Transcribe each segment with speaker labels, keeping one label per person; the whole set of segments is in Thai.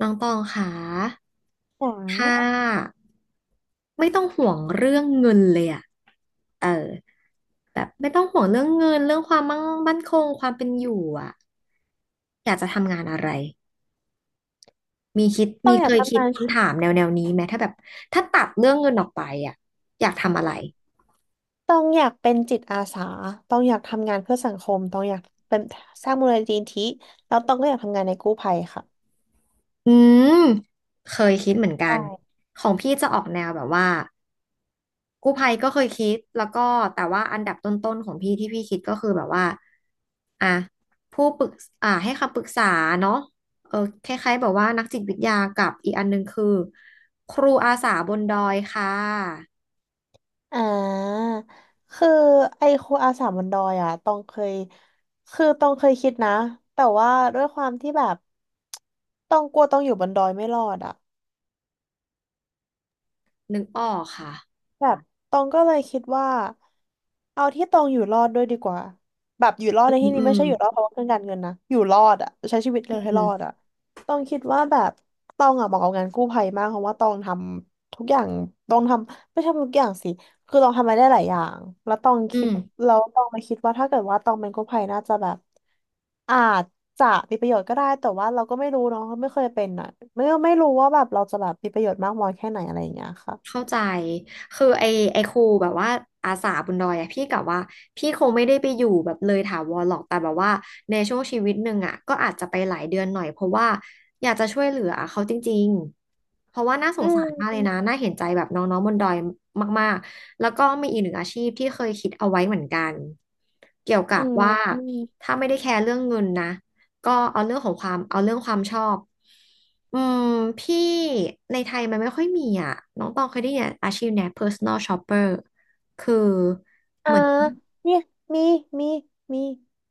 Speaker 1: น้องตองค่ะ
Speaker 2: หวัง
Speaker 1: ถ้าไม่ต้องห่วงเรื่องเงินเลยอะ เออ แบบไม่ต้องห่วงเรื่องเงินเรื่องความมั่งมั่นคงความเป็นอยู่อะ อยากจะทำงานอะไร มีคิด
Speaker 2: ต้อ
Speaker 1: มี
Speaker 2: งอยา
Speaker 1: เค
Speaker 2: ก
Speaker 1: ยคิ
Speaker 2: ทำ
Speaker 1: ด
Speaker 2: งาน
Speaker 1: คำถามแนวนี้ไหมถ้าแบบถ้าตัดเรื่องเงินออกไปอะอยากทำอะไร
Speaker 2: ต้องอยากเป็นจิตอาสาต้องอยากทำงานเพื่อสังคมต้องอยากเป็นสร้างมูลนิธิแล้วต้องก็อยากทำงานในกู้ภัยค่ะ
Speaker 1: อืมเคยคิดเหมือนกั
Speaker 2: ใช่
Speaker 1: นของพี่จะออกแนวแบบว่า กู้ภัยก็เคยคิดแล้วก็แต่ว่าอันดับต้นๆของพี่ที่พี่คิดก็คือแบบว่าอ่ะผู้ปรึกให้คำปรึกษาเนาะเออคล้ายๆแบบว่านักจิตวิทยากับอีกอันหนึงคือครูอาสาบนดอยค่ะ
Speaker 2: อ่าคือไอ้ครูอาสาบนดอยอ่ะต้องเคยต้องเคยคิดนะแต่ว่าด้วยความที่แบบต้องกลัวต้องอยู่บนดอยไม่รอดอ่ะ
Speaker 1: นึกออกค่ะ
Speaker 2: แบบตองก็เลยคิดว่าเอาที่ตองอยู่รอดด้วยดีกว่าแบบอยู่รอด
Speaker 1: อื
Speaker 2: ในที่
Speaker 1: ม
Speaker 2: นี้
Speaker 1: อื
Speaker 2: ไม่
Speaker 1: ม
Speaker 2: ใช่อยู่รอดเพราะว่าเรื่องการเงินนะอยู่รอดอะใช้ชีวิตเร็
Speaker 1: อื
Speaker 2: วให้รอด
Speaker 1: ม
Speaker 2: อะตองคิดว่าแบบตองอะเหมาะกับงานกู้ภัยมากเพราะว่าตองทำทุกอย่างตองทำไม่ใช่ทุกอย่างสิคือตองทำอะไรได้หลายอย่างแล้วตอง
Speaker 1: อื
Speaker 2: คิด
Speaker 1: ม
Speaker 2: แล้วตองมาคิดว่าถ้าเกิดว่าตองเป็นกู้ภัยน่าจะแบบอาจจะมีประโยชน์ก็ได้แต่ว่าเราก็ไม่รู้เนาะไม่เคยเป็นอะไม่รู้ว่าแบบเราจะแบบมีประโยชน์มากน้อยแค่ไหนอะไรอย่างเงี้ยค่ะ
Speaker 1: เข้าใจคือไอครูแบบว่าอาสาบนดอยอะพี่กะว่าพี่คงไม่ได้ไปอยู่แบบเลยถาวรหรอกแต่แบบว่าในช่วงชีวิตหนึ่งอะก็อาจจะไปหลายเดือนหน่อยเพราะว่าอยากจะช่วยเหลือเขาจริงๆเพราะว่าน่าส
Speaker 2: อื
Speaker 1: งสารมากเลยนะ
Speaker 2: ม
Speaker 1: น่าเห็นใจแบบน้องๆบนดอยมากๆแล้วก็มีอีกหนึ่งอาชีพที่เคยคิดเอาไว้เหมือนกันเกี่ยวกั
Speaker 2: อื
Speaker 1: บ
Speaker 2: ม
Speaker 1: ว่า
Speaker 2: อืม
Speaker 1: ถ้าไม่ได้แคร์เรื่องเงินนะ ก็เอาเรื่องของความเอาเรื่องความชอบ อืมพี่ในไทยมันไม่ค่อยมีอ่ะน้องตองเคยได้ยินอาชีพเนี้ย personal shopper คือ
Speaker 2: อ่าเนี่ยมีมีมี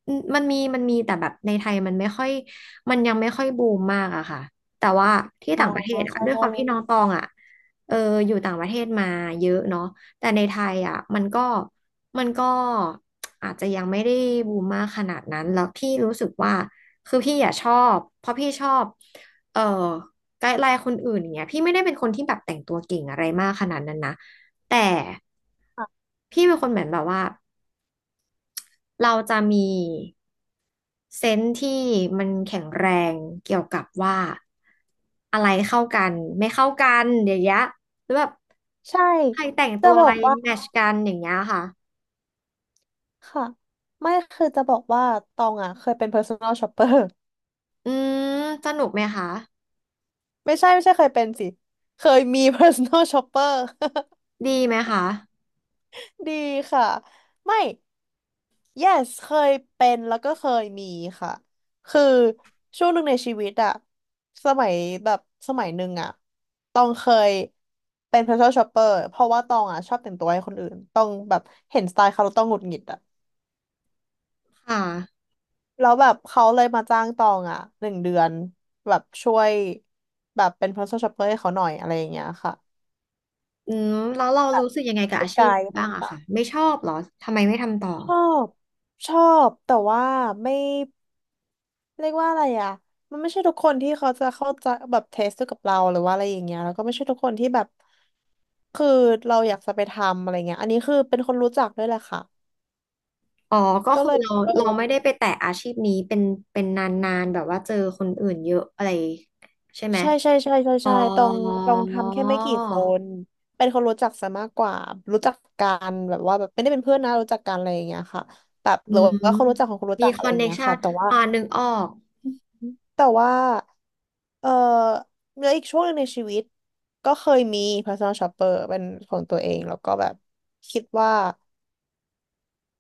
Speaker 1: อืมมันมีแต่แบบในไทยมันไม่ค่อยยังไม่ค่อยบูมมากอะค่ะแต่ว่าที่
Speaker 2: อ๋อ
Speaker 1: ต่างประเทศอะ
Speaker 2: ใช่
Speaker 1: ด้วยค
Speaker 2: ใช่
Speaker 1: วามที่น้องตอ
Speaker 2: ใช่
Speaker 1: งอะเอออยู่ต่างประเทศมาเยอะเนาะแต่ในไทยอะมันก็อาจจะยังไม่ได้บูมมากขนาดนั้นแล้วพี่รู้สึกว่าคือพี่อะชอบเพราะพี่ชอบเออไกด์ไลน์คนอื่นอย่างเงี้ยพี่ไม่ได้เป็นคนที่แบบแต่งตัวเก่งอะไรมากขนาดนั้นนะแต่
Speaker 2: ค่ะ
Speaker 1: พี่เป็นคนเหมือนแบบว่า เราจะมีเซนส์ที่มันแข็งแรงเกี่ยวกับว่าอะไรเข้ากันไม่เข้ากันอย่างเงี้ยหรือแบบ
Speaker 2: ใช่
Speaker 1: ใครแต่ง
Speaker 2: จะ
Speaker 1: ตัว
Speaker 2: บ
Speaker 1: อะ
Speaker 2: อ
Speaker 1: ไร
Speaker 2: กว่า
Speaker 1: แมทช์กันอย่างเงี้ยค่ะ
Speaker 2: ค่ะไม่คือจะบอกว่าตองอ่ะเคยเป็น personal shopper
Speaker 1: อืมสนุกไหมคะ
Speaker 2: ไม่ใช่เคยเป็นสิเคยมี personal shopper
Speaker 1: ดีไหมคะ
Speaker 2: ดีค่ะไม่ yes เคยเป็นแล้วก็เคยมีค่ะ คือช่วงหนึ่งในชีวิตอะสมัยแบบสมัยหนึ่งอะตองเคยเป็น personal shopper เพราะว่าตองอะชอบแต่งตัวให้คนอื่นตองแบบเห็นสไตล์เขาแล้วต้องหงุดหงิดอะ
Speaker 1: ค่ะ
Speaker 2: แล้วแบบเขาเลยมาจ้างตองอะหนึ่งเดือนแบบช่วยแบบเป็น personal shopper ให้เขาหน่อยอะไรอย่างเงี้ยค่ะ
Speaker 1: อืมแล้วเรารู้สึกยังไงกับ
Speaker 2: ส
Speaker 1: อาชีพ
Speaker 2: กาย
Speaker 1: นี้
Speaker 2: ต
Speaker 1: บ้างอะ
Speaker 2: ่า
Speaker 1: ค่ะ
Speaker 2: ง
Speaker 1: ไม่ชอบเหรอทำไมไม่ทำต่อ
Speaker 2: ๆบชอบแต่ว่าไม่ เรียกว่าอะไรอ่ะมันไม่ใช่ทุกคนที่เขาจะเข้าใจแบบเทสกับเราหรือว่าอะไรอย่างเงี้ยแล้วก็ไม่ใช่ทุกคนที่แบบคือเราอยากจะไปทำอะไรเงี้ยอันนี้คือเป็นคนรู้จักด้วยแหละค่ะ
Speaker 1: อ๋อก็
Speaker 2: ก็
Speaker 1: คื
Speaker 2: เล
Speaker 1: อ
Speaker 2: ย
Speaker 1: เรา
Speaker 2: เออ
Speaker 1: เราไม่ได้ไปแตะอาชีพนี้เป็นนานๆแบบว่าเจอคนอื่นเยอะอะไรใช่ไหม
Speaker 2: ใช่ใช่ใช่ใช่
Speaker 1: อ๋อ
Speaker 2: ใช่ตรงทำแค่ไม่กี่คนเป็นคนรู้จักซะมากกว่ารู้จักกันแบบว่าแบบไม่ได้เป็นเพื่อนนะรู้จักกันอะไรอย่างเงี้ยค่ะแบบ
Speaker 1: อื
Speaker 2: หรือ
Speaker 1: ม
Speaker 2: ว่าคนรู้จักของคนรู้
Speaker 1: มี
Speaker 2: จัก
Speaker 1: ค
Speaker 2: อะ
Speaker 1: อ
Speaker 2: ไร
Speaker 1: น
Speaker 2: อย่า
Speaker 1: เน
Speaker 2: ง
Speaker 1: t
Speaker 2: เงี้ย
Speaker 1: ชั
Speaker 2: ค่ะ
Speaker 1: น
Speaker 2: แต่ว่า
Speaker 1: นึกออก
Speaker 2: แต่ว่าเออแล้วอีกช่วงหนึ่งในชีวิตก็เคยมี personal shopper เป็นของตัวเองแล้วก็แบบคิดว่า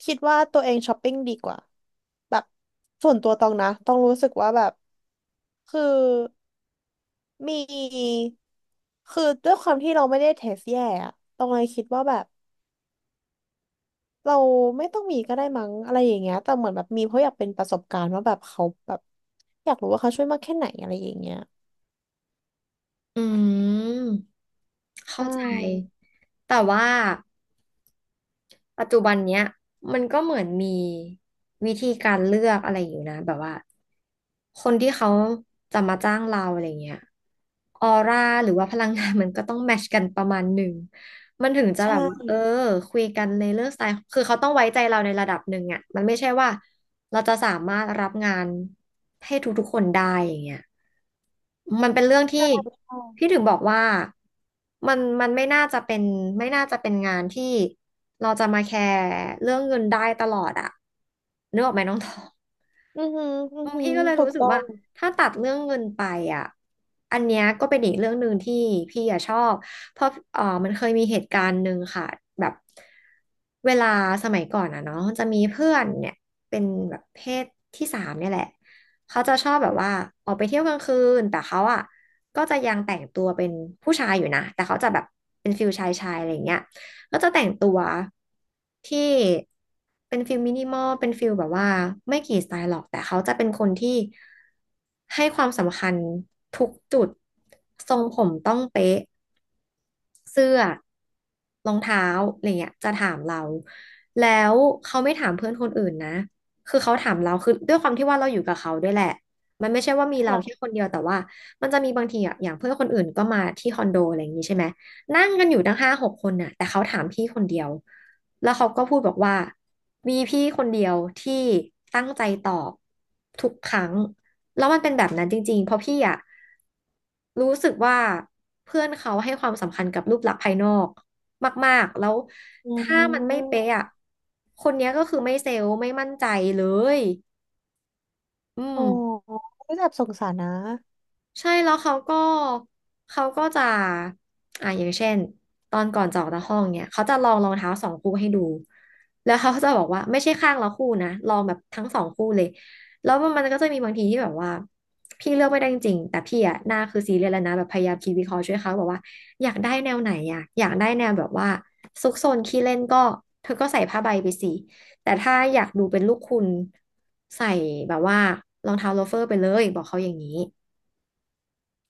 Speaker 2: คิดว่าตัวเองช้อปปิ้งดีกว่าแบบส่วนตัวตองนะต้องรู้สึกว่าแบบคือมีคือด้วยความที่เราไม่ได้เทสแย่อะตองเลยคิดว่าแบบเราไม่ต้องมีก็ได้มั้งอะไรอย่างเงี้ยแต่เหมือนแบบมีเพราะอยากเป็นประสบการณ์ว่าแบบเขาแบบอยากรู้ว่าเขาช่วยมากแค่ไหนอะไรอย่างเงี้ย
Speaker 1: อืม เข้า
Speaker 2: ใช่
Speaker 1: ใจ แต่ว่าปัจจุบันเนี้ยมันก็เหมือนมีวิธีการเลือกอะไรอยู่นะแบบว่าคนที่เขาจะมาจ้างเราอะไรเงี้ยออร่าหรือว่าพลังงาน มันก็ต้องแมชกันประมาณหนึ่งมันถึงจะแบบว่า
Speaker 2: ใช่
Speaker 1: คุยกันในเรื่องสไตล์คือเขาต้องไว้ใจเราในระดับหนึ่งอ่ะมันไม่ใช่ว่า เราจะสามารถรับงานให้ทุกๆคนได้อย่างเงี้ยมันเป็นเรื่อง
Speaker 2: ใช่
Speaker 1: ที่
Speaker 2: ใช่
Speaker 1: พี่ถึงบอกว่ามันไม่น่าจะเป็นไม่น่าจะเป็นงานที่เราจะมาแคร์เรื่องเงินได้ตลอดอะนึกออกไหมน้อง ตอ
Speaker 2: อือหืออือ
Speaker 1: บาง
Speaker 2: หื
Speaker 1: พี่
Speaker 2: อ
Speaker 1: ก็เลย
Speaker 2: ถูก
Speaker 1: รู้สึก
Speaker 2: ต้อ
Speaker 1: ว่า
Speaker 2: ง
Speaker 1: ถ้าตัดเรื่องเงินไปอ่ะ อันเนี้ยก็เป็นอีกเรื่องหนึ่งที่พี่อะชอบ เพราะมันเคยมีเหตุการณ์หนึ่งค่ะแบบเวลาสมัยก่อนอ่ะเนาะมันจะมีเพื่อนเนี่ยเป็นแบบเพศที่สามเนี่ยแหละเขาจะชอบแบบว่าออกไปเที่ยวกลางคืนแต่เขาอ่ะก็จะยังแต่งตัวเป็นผู้ชายอยู่นะแต่เขาจะแบบเป็นฟิลชายชายอะไรอย่างเงี้ย ก็จะแต่งตัวที่เป็นฟิลมินิมอลเป็นฟิลแบบว่าไม่กี่สไตล์หรอกแต่เขาจะเป็นคนที่ให้ความสำคัญทุกจุดทรงผมต้องเป๊ะเสื้อรองเท้าอะไรเงี้ยจะถามเราแล้วเขาไม่ถามเพื่อนคนอื่นนะคือเขาถามเราคือด้วยความที่ว่าเราอยู่กับเขาด้วยแหละมันไม่ใช่ว่ามีเราแค่
Speaker 2: ค่ะ
Speaker 1: คนเดียวแต่ว่ามันจะมีบางทีอ่ะอย่างเพื่อนคนอื่นก็มาที่คอนโดอะไรอย่างนี้ใช่ไหม นั่งกันอยู่ตั้งห้าหกคนน่ะแต่เขาถามพี่คนเดียวแล้วเขาก็พูดบอกว่ามีพี่คนเดียวที่ตั้งใจตอบทุกครั้งแล้วมันเป็นแบบนั้นจริงๆเพราะพี่อะรู้สึกว่าเพื่อนเขาให้ความสำคัญกับรูปลักษณ์ภายนอกมากๆแล้ว
Speaker 2: อื
Speaker 1: ถ้ามันไม่เป๊ะ
Speaker 2: ม
Speaker 1: อะคนเนี้ยก็คือไม่เซลล์ไม่มั่นใจเลยอื
Speaker 2: อ๋อ
Speaker 1: ม
Speaker 2: ไม่แบบสงสารนะ
Speaker 1: ใช่แล้วเขาก็เขาก็จะอย่างเช่นตอนก่อนจะออกจากห้องเนี่ยเขาจะลองรองเท้าสองคู่ให้ดูแล้วเขาจะบอกว่าไม่ใช่ข้างละคู่นะลองแบบทั้งสองคู่เลยแล้วมันก็จะมีบางทีที่แบบว่าพี่เลือกไม่ได้จริงๆแต่พี่อะหน้าคือซีเรียสแล้วนะแบบพยายามคิดวิเคราะห์ช่วยเขาบอกว่าอยากได้แนวไหนอะอยากได้แนวแบบว่าซุกซนขี้เล่นก็เธอก็ใส่ผ้าใบไปสิแต่ถ้าอยากดูเป็นลูกคุณใส่แบบว่ารองเท้าโลเฟอร์ไปเลยบอกเขาอย่างนี้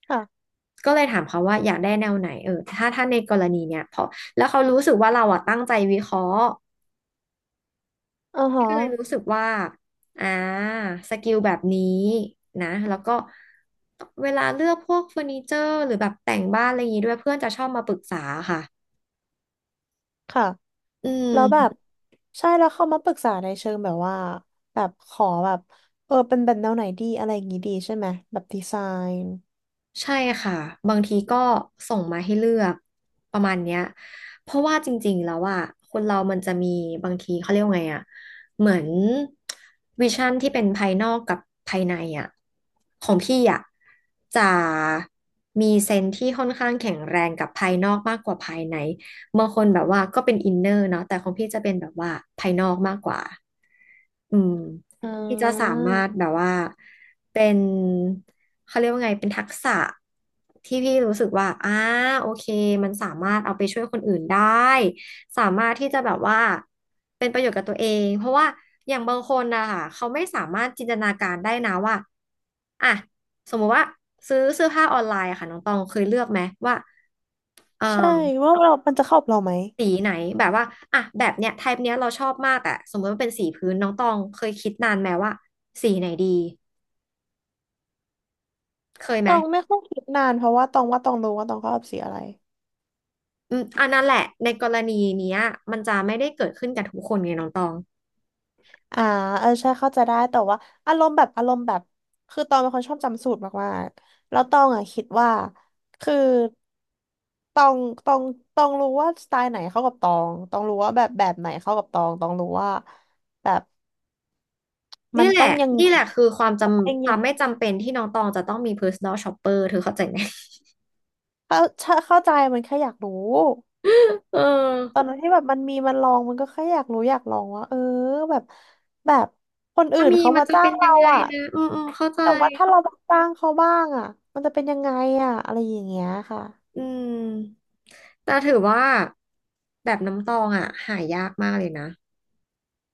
Speaker 2: ค่ะ
Speaker 1: ก็เลยถามเขาว่าอยากได้แนวไหนเออถ้าในกรณีเนี้ยพอแล้วเขารู้สึกว่าเราอะตั้งใจวิเคราะห์
Speaker 2: อือ
Speaker 1: พี่
Speaker 2: ฮะ
Speaker 1: ก็เลยรู้สึกว่าอ่าสกิลแบบนี้นะแล้วก็เวลาเลือกพวกเฟอร์นิเจอร์หรือแบบแต่งบ้านอะไรอย่างงี้ด้วยเพื่อนจะชอบมาปรึกษาค่ะ
Speaker 2: ค่ะ
Speaker 1: อื
Speaker 2: แล้วแบบ
Speaker 1: ม
Speaker 2: ใช่แล้วเขามาปรึกษาในเชิงแบบว่าแบบขอแบบเออเป็นแบบแนวไหนดีอะไรอย่างงี้ดีใช่ไหมแบบดีไซน์
Speaker 1: ใช่ค่ะบางทีก็ส่งมาให้เลือกประมาณเนี้ยเพราะว่าจริงๆแล้วอ่ะคนเรามันจะมีบางทีเขาเรียกว่าไงอ่ะเหมือนวิชั่นที่เป็นภายนอกกับภายในอ่ะของพี่อ่ะจะมีเซนส์ที่ค่อนข้างแข็งแรงกับภายนอกมากกว่าภายในบางคนแบบว่าก็เป็นอินเนอร์เนาะแต่ของพี่จะเป็นแบบว่าภายนอกมากกว่า อืม
Speaker 2: อ่
Speaker 1: ที่จะสา
Speaker 2: า
Speaker 1: มารถแบบว่าเป็นเขาเรียกว่าไงเป็นทักษะที่พี่รู้สึกว่าโอเคมันสามารถเอาไปช่วยคนอื่นได้สามารถที่จะแบบว่าเป็นประโยชน์กับตัวเองเพราะว่าอย่างบางคนนะคะเขาไม่สามารถจินตนาการได้นะว่าอ่ะสมมุติว่าซื้อเสื้อผ้าออนไลน์อะค่ะน้องตองเคยเลือกไหมว่าเออ
Speaker 2: ใช่ว่าเรามันจะเข้ากับเราไหม
Speaker 1: สีไหนแบบว่าอ่ะแบบเนี้ยไทป์เนี้ยเราชอบมากแต่สมมติว่าเป็นสีพื้นน้องตองเคยคิดนานไหมว่าสีไหนดีเคย
Speaker 2: ต
Speaker 1: ไหม
Speaker 2: อง ไม่ค่อยคิดนาน เพราะว่าตองว่าตองรู้ว่าตองเข้ากอบสีอะไร
Speaker 1: อืมอันนั้นแหละในกรณีเนี้ยมันจะไม่ได้เกิดขึ้นกับทุกคนไงน้องตอง
Speaker 2: อ่าเออใช่เข้าใจได้แต่ว่าอารมณ์แบบคือตองเป็นคนชอบจำสูตรมากๆแล้วตองอ่ะคิดว่าคือตองตองตองรู้ว่าสไตล์ไหนเข้ากับตองตองรู้ว่าแบบแบบไหนเข้ากับตองตองรู้ว่าแบบมั
Speaker 1: นี่
Speaker 2: น
Speaker 1: แห
Speaker 2: ต้
Speaker 1: ละ
Speaker 2: องยัง
Speaker 1: นี่
Speaker 2: ไง
Speaker 1: แหละคือความจ
Speaker 2: ยัง
Speaker 1: ำค
Speaker 2: ยั
Speaker 1: วาม
Speaker 2: ง
Speaker 1: ไม่จำเป็นที่น้องตองจะต้องมี personal shopper เธอเข้าใจไหม
Speaker 2: เข้าใจมันแค่อยากรู้
Speaker 1: เออ
Speaker 2: ตอนนั้นที่แบบมันมีมันลองมันก็แค่อยากรู้อยากลองว่าเออแบบแบบคนอื่
Speaker 1: ถ้า
Speaker 2: น
Speaker 1: มี
Speaker 2: เขา
Speaker 1: มัน
Speaker 2: มา
Speaker 1: จะ
Speaker 2: จ้า
Speaker 1: เป็
Speaker 2: ง
Speaker 1: นยั
Speaker 2: เรา
Speaker 1: งไง
Speaker 2: อ่ะ
Speaker 1: นะอืมอืมเข้าใจ
Speaker 2: แต่ว่าถ้าเรามาจ้างเขาบ้างอ่ะมันจะเป็นยังไงอ่ะอะไรอย่างเงี้ยค่ะ
Speaker 1: อืมแต่ถือว่าแบบน้ำตองอ่ะหายากมากเลยนะ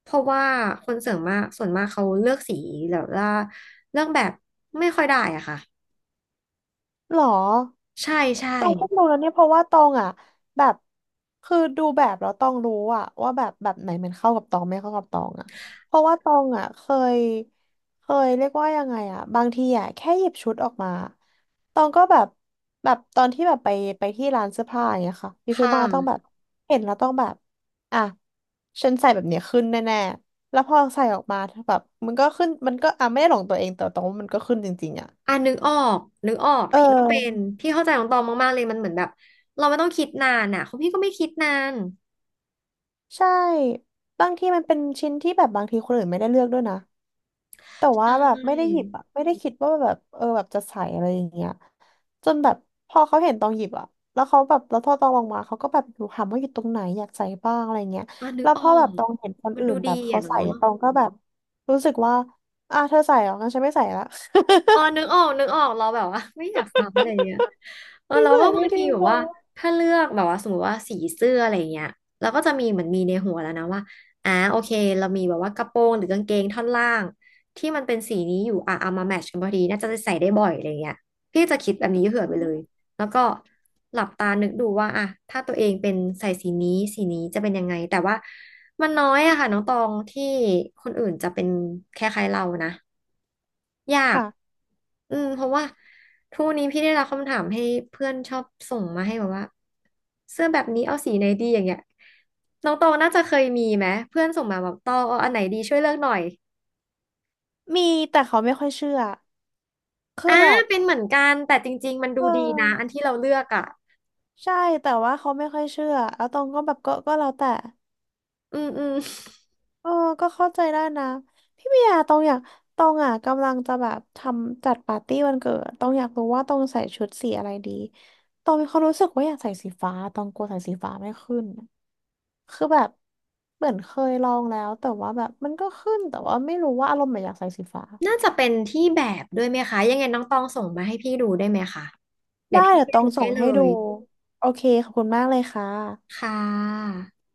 Speaker 1: เพราะว่าคนเส่วนมากเขาเลือกสีแบบว่าเลือกแบบไม่ค่อยได้อะค่ะ
Speaker 2: หรอ
Speaker 1: ใช่ใช่
Speaker 2: ตองเพิ่งรู้นะเนี่ยเพราะว่าตองอ่ะแบบคือดูแบบแล้วตองรู้อ่ะว่าแบบแบบไหนมันเข้ากับตองไม่เข้ากับตองอ่ะเพราะว่าตองอ่ะเคยเรียกว่ายังไงอ่ะบางทีอ่ะแค่หยิบชุดออกมาตองก็แบบแบบตอนที่แบบไปที่ร้านเสื้อผ้าอย่างเงี้ยค่ะหยิบชุด
Speaker 1: ค่ะ
Speaker 2: มาต้องแบบเห็นแล้วต้องแบบอ่ะฉันใส่แบบเนี้ยขึ้นแน่ๆแล้วพอใส่ออกมาแบบมันก็ขึ้นมันก็อ่ะไม่ได้หลงตัวเองแต่ตองว่ามันก็ขึ้นจริงๆอ่ะ
Speaker 1: อ่ะนึกออกนึกออก
Speaker 2: เ
Speaker 1: พี่ก็เป็น
Speaker 2: ออ
Speaker 1: พี่เข้าใจของตองมากๆเลยมันเหมือนแบบเราไม่ต้องคิดนานอ่ะของพี่ก็ไม่คิดนาน
Speaker 2: ใช่บางทีมันเป็นชิ้นที่แบบบางทีคนอื่นไม่ได้เลือกด้วยนะแต่
Speaker 1: ใช
Speaker 2: ว่าแบบไม่ได้หยิ
Speaker 1: ่
Speaker 2: บอะไม่ได้คิดว่าแบบเออแบบจะใส่อะไรอย่างเงี้ยจนแบบพอเขาเห็นตองหยิบอะแล้วเขาแบบแล้วพอตองลงมาเขาก็แบบดูถามว่าอยู่ตรงไหนอยากใส่บ้างอะไรเงี้ย
Speaker 1: อ่ะนึ
Speaker 2: แล้
Speaker 1: ก
Speaker 2: ว
Speaker 1: อ
Speaker 2: พ
Speaker 1: อ
Speaker 2: อแบบ
Speaker 1: ก
Speaker 2: ตองเห็นคน
Speaker 1: มัน
Speaker 2: อื่
Speaker 1: ดู
Speaker 2: น
Speaker 1: ดี
Speaker 2: แบบเขา
Speaker 1: อ่ะ
Speaker 2: ใส่
Speaker 1: เนาะ
Speaker 2: ตองก็แบบรู้สึกว่าอ่ะเธอใส่เหรองั้นฉันไม่ใส่ละ
Speaker 1: เออ นึกออกนึกออกเราแบบว่า ไม่อยากซักเลยอย่ะเงี้ยเออ
Speaker 2: น
Speaker 1: เรา
Speaker 2: ใส่
Speaker 1: ก็บา
Speaker 2: ไม่
Speaker 1: งที
Speaker 2: ดี
Speaker 1: แบบว่า
Speaker 2: เนาะ
Speaker 1: ถ้าเลือกแบบว่าสมมติว่าสีเสื้ออะไรอย่างเงี้ยเราก็จะมีเหมือนมีในหัวแล้วนะว่าอ่าโอเคเรามีแบบว่ากระโปรงหรือกางเกงท่อนล่างที่มันเป็นสีนี้อยู่อ่ะเอามาแมทช์กันพอดีน่าจะใส่ได้บ่อยอะไรอย่างเงี้ยพี่จะคิดแบบนี้เผื่อ
Speaker 2: อื
Speaker 1: ไปเล
Speaker 2: ม
Speaker 1: ย แล้วก็หลับตานึกดูว่าอะถ้าตัวเองเป็นใส่สีนี้สีนี้จะเป็นยังไงแต่ว่ามันน้อยอะค่ะน้องตองที่คนอื่นจะเป็นคล้ายๆเรานะยาก
Speaker 2: ค่ะ
Speaker 1: อืมเพราะว่าทุกวันนี้พี่ได้รับคำถามให้เพื่อนชอบส่งมาให้แบบว่าเสื้อแบบนี้เอาสีไหนดีอย่างเงี้ยน้องตองน่าจะเคยมีไหมเพื่อนส่งมาบอกตองเอาอันไหนดีช่วยเลือกหน่อย
Speaker 2: มีแต่เขาไม่ค่อยเชื่อคื
Speaker 1: อ่า
Speaker 2: อแบบ
Speaker 1: เป็นเหมือนกันแต่จริงๆมันดู
Speaker 2: เออ
Speaker 1: ดีนะอันที่เราเลือกอ่ะ
Speaker 2: ใช่แต่ว่าเขาไม่ค่อยเชื่อแล้วตองก็แบบก็แล้วแต่
Speaker 1: อืมอืม
Speaker 2: เออก็เข้าใจได้นะพี่เบียร์ตองอยากตองอ่ะกำลังจะแบบทำจัดปาร์ตี้วันเกิดตองอยากรู้ว่าตองใส่ชุดสีอะไรดีตองมีความรู้สึกว่าอยากใส่สีฟ้าตองกลัวใส่สีฟ้าไม่ขึ้นคือแบบเหมือนเคยลองแล้วแต่ว่าแบบมันก็ขึ้นแต่ว่าไม่รู้ว่าอารมณ์แบบอยากใส่สีฟ้า
Speaker 1: น่าจะเป็นที่แบบด้วยไหมคะยังไงน้องตองส่งมาให้พี่ดูได้ไหมคะเดี๋ย
Speaker 2: ได้
Speaker 1: วพี่
Speaker 2: เดี๋ย
Speaker 1: ไป
Speaker 2: วตอ
Speaker 1: ดู
Speaker 2: งส่
Speaker 1: ให้
Speaker 2: ง
Speaker 1: เล
Speaker 2: ให้ดู
Speaker 1: ย
Speaker 2: โอเคขอบคุณมากเลยค่ะ
Speaker 1: ค่ะ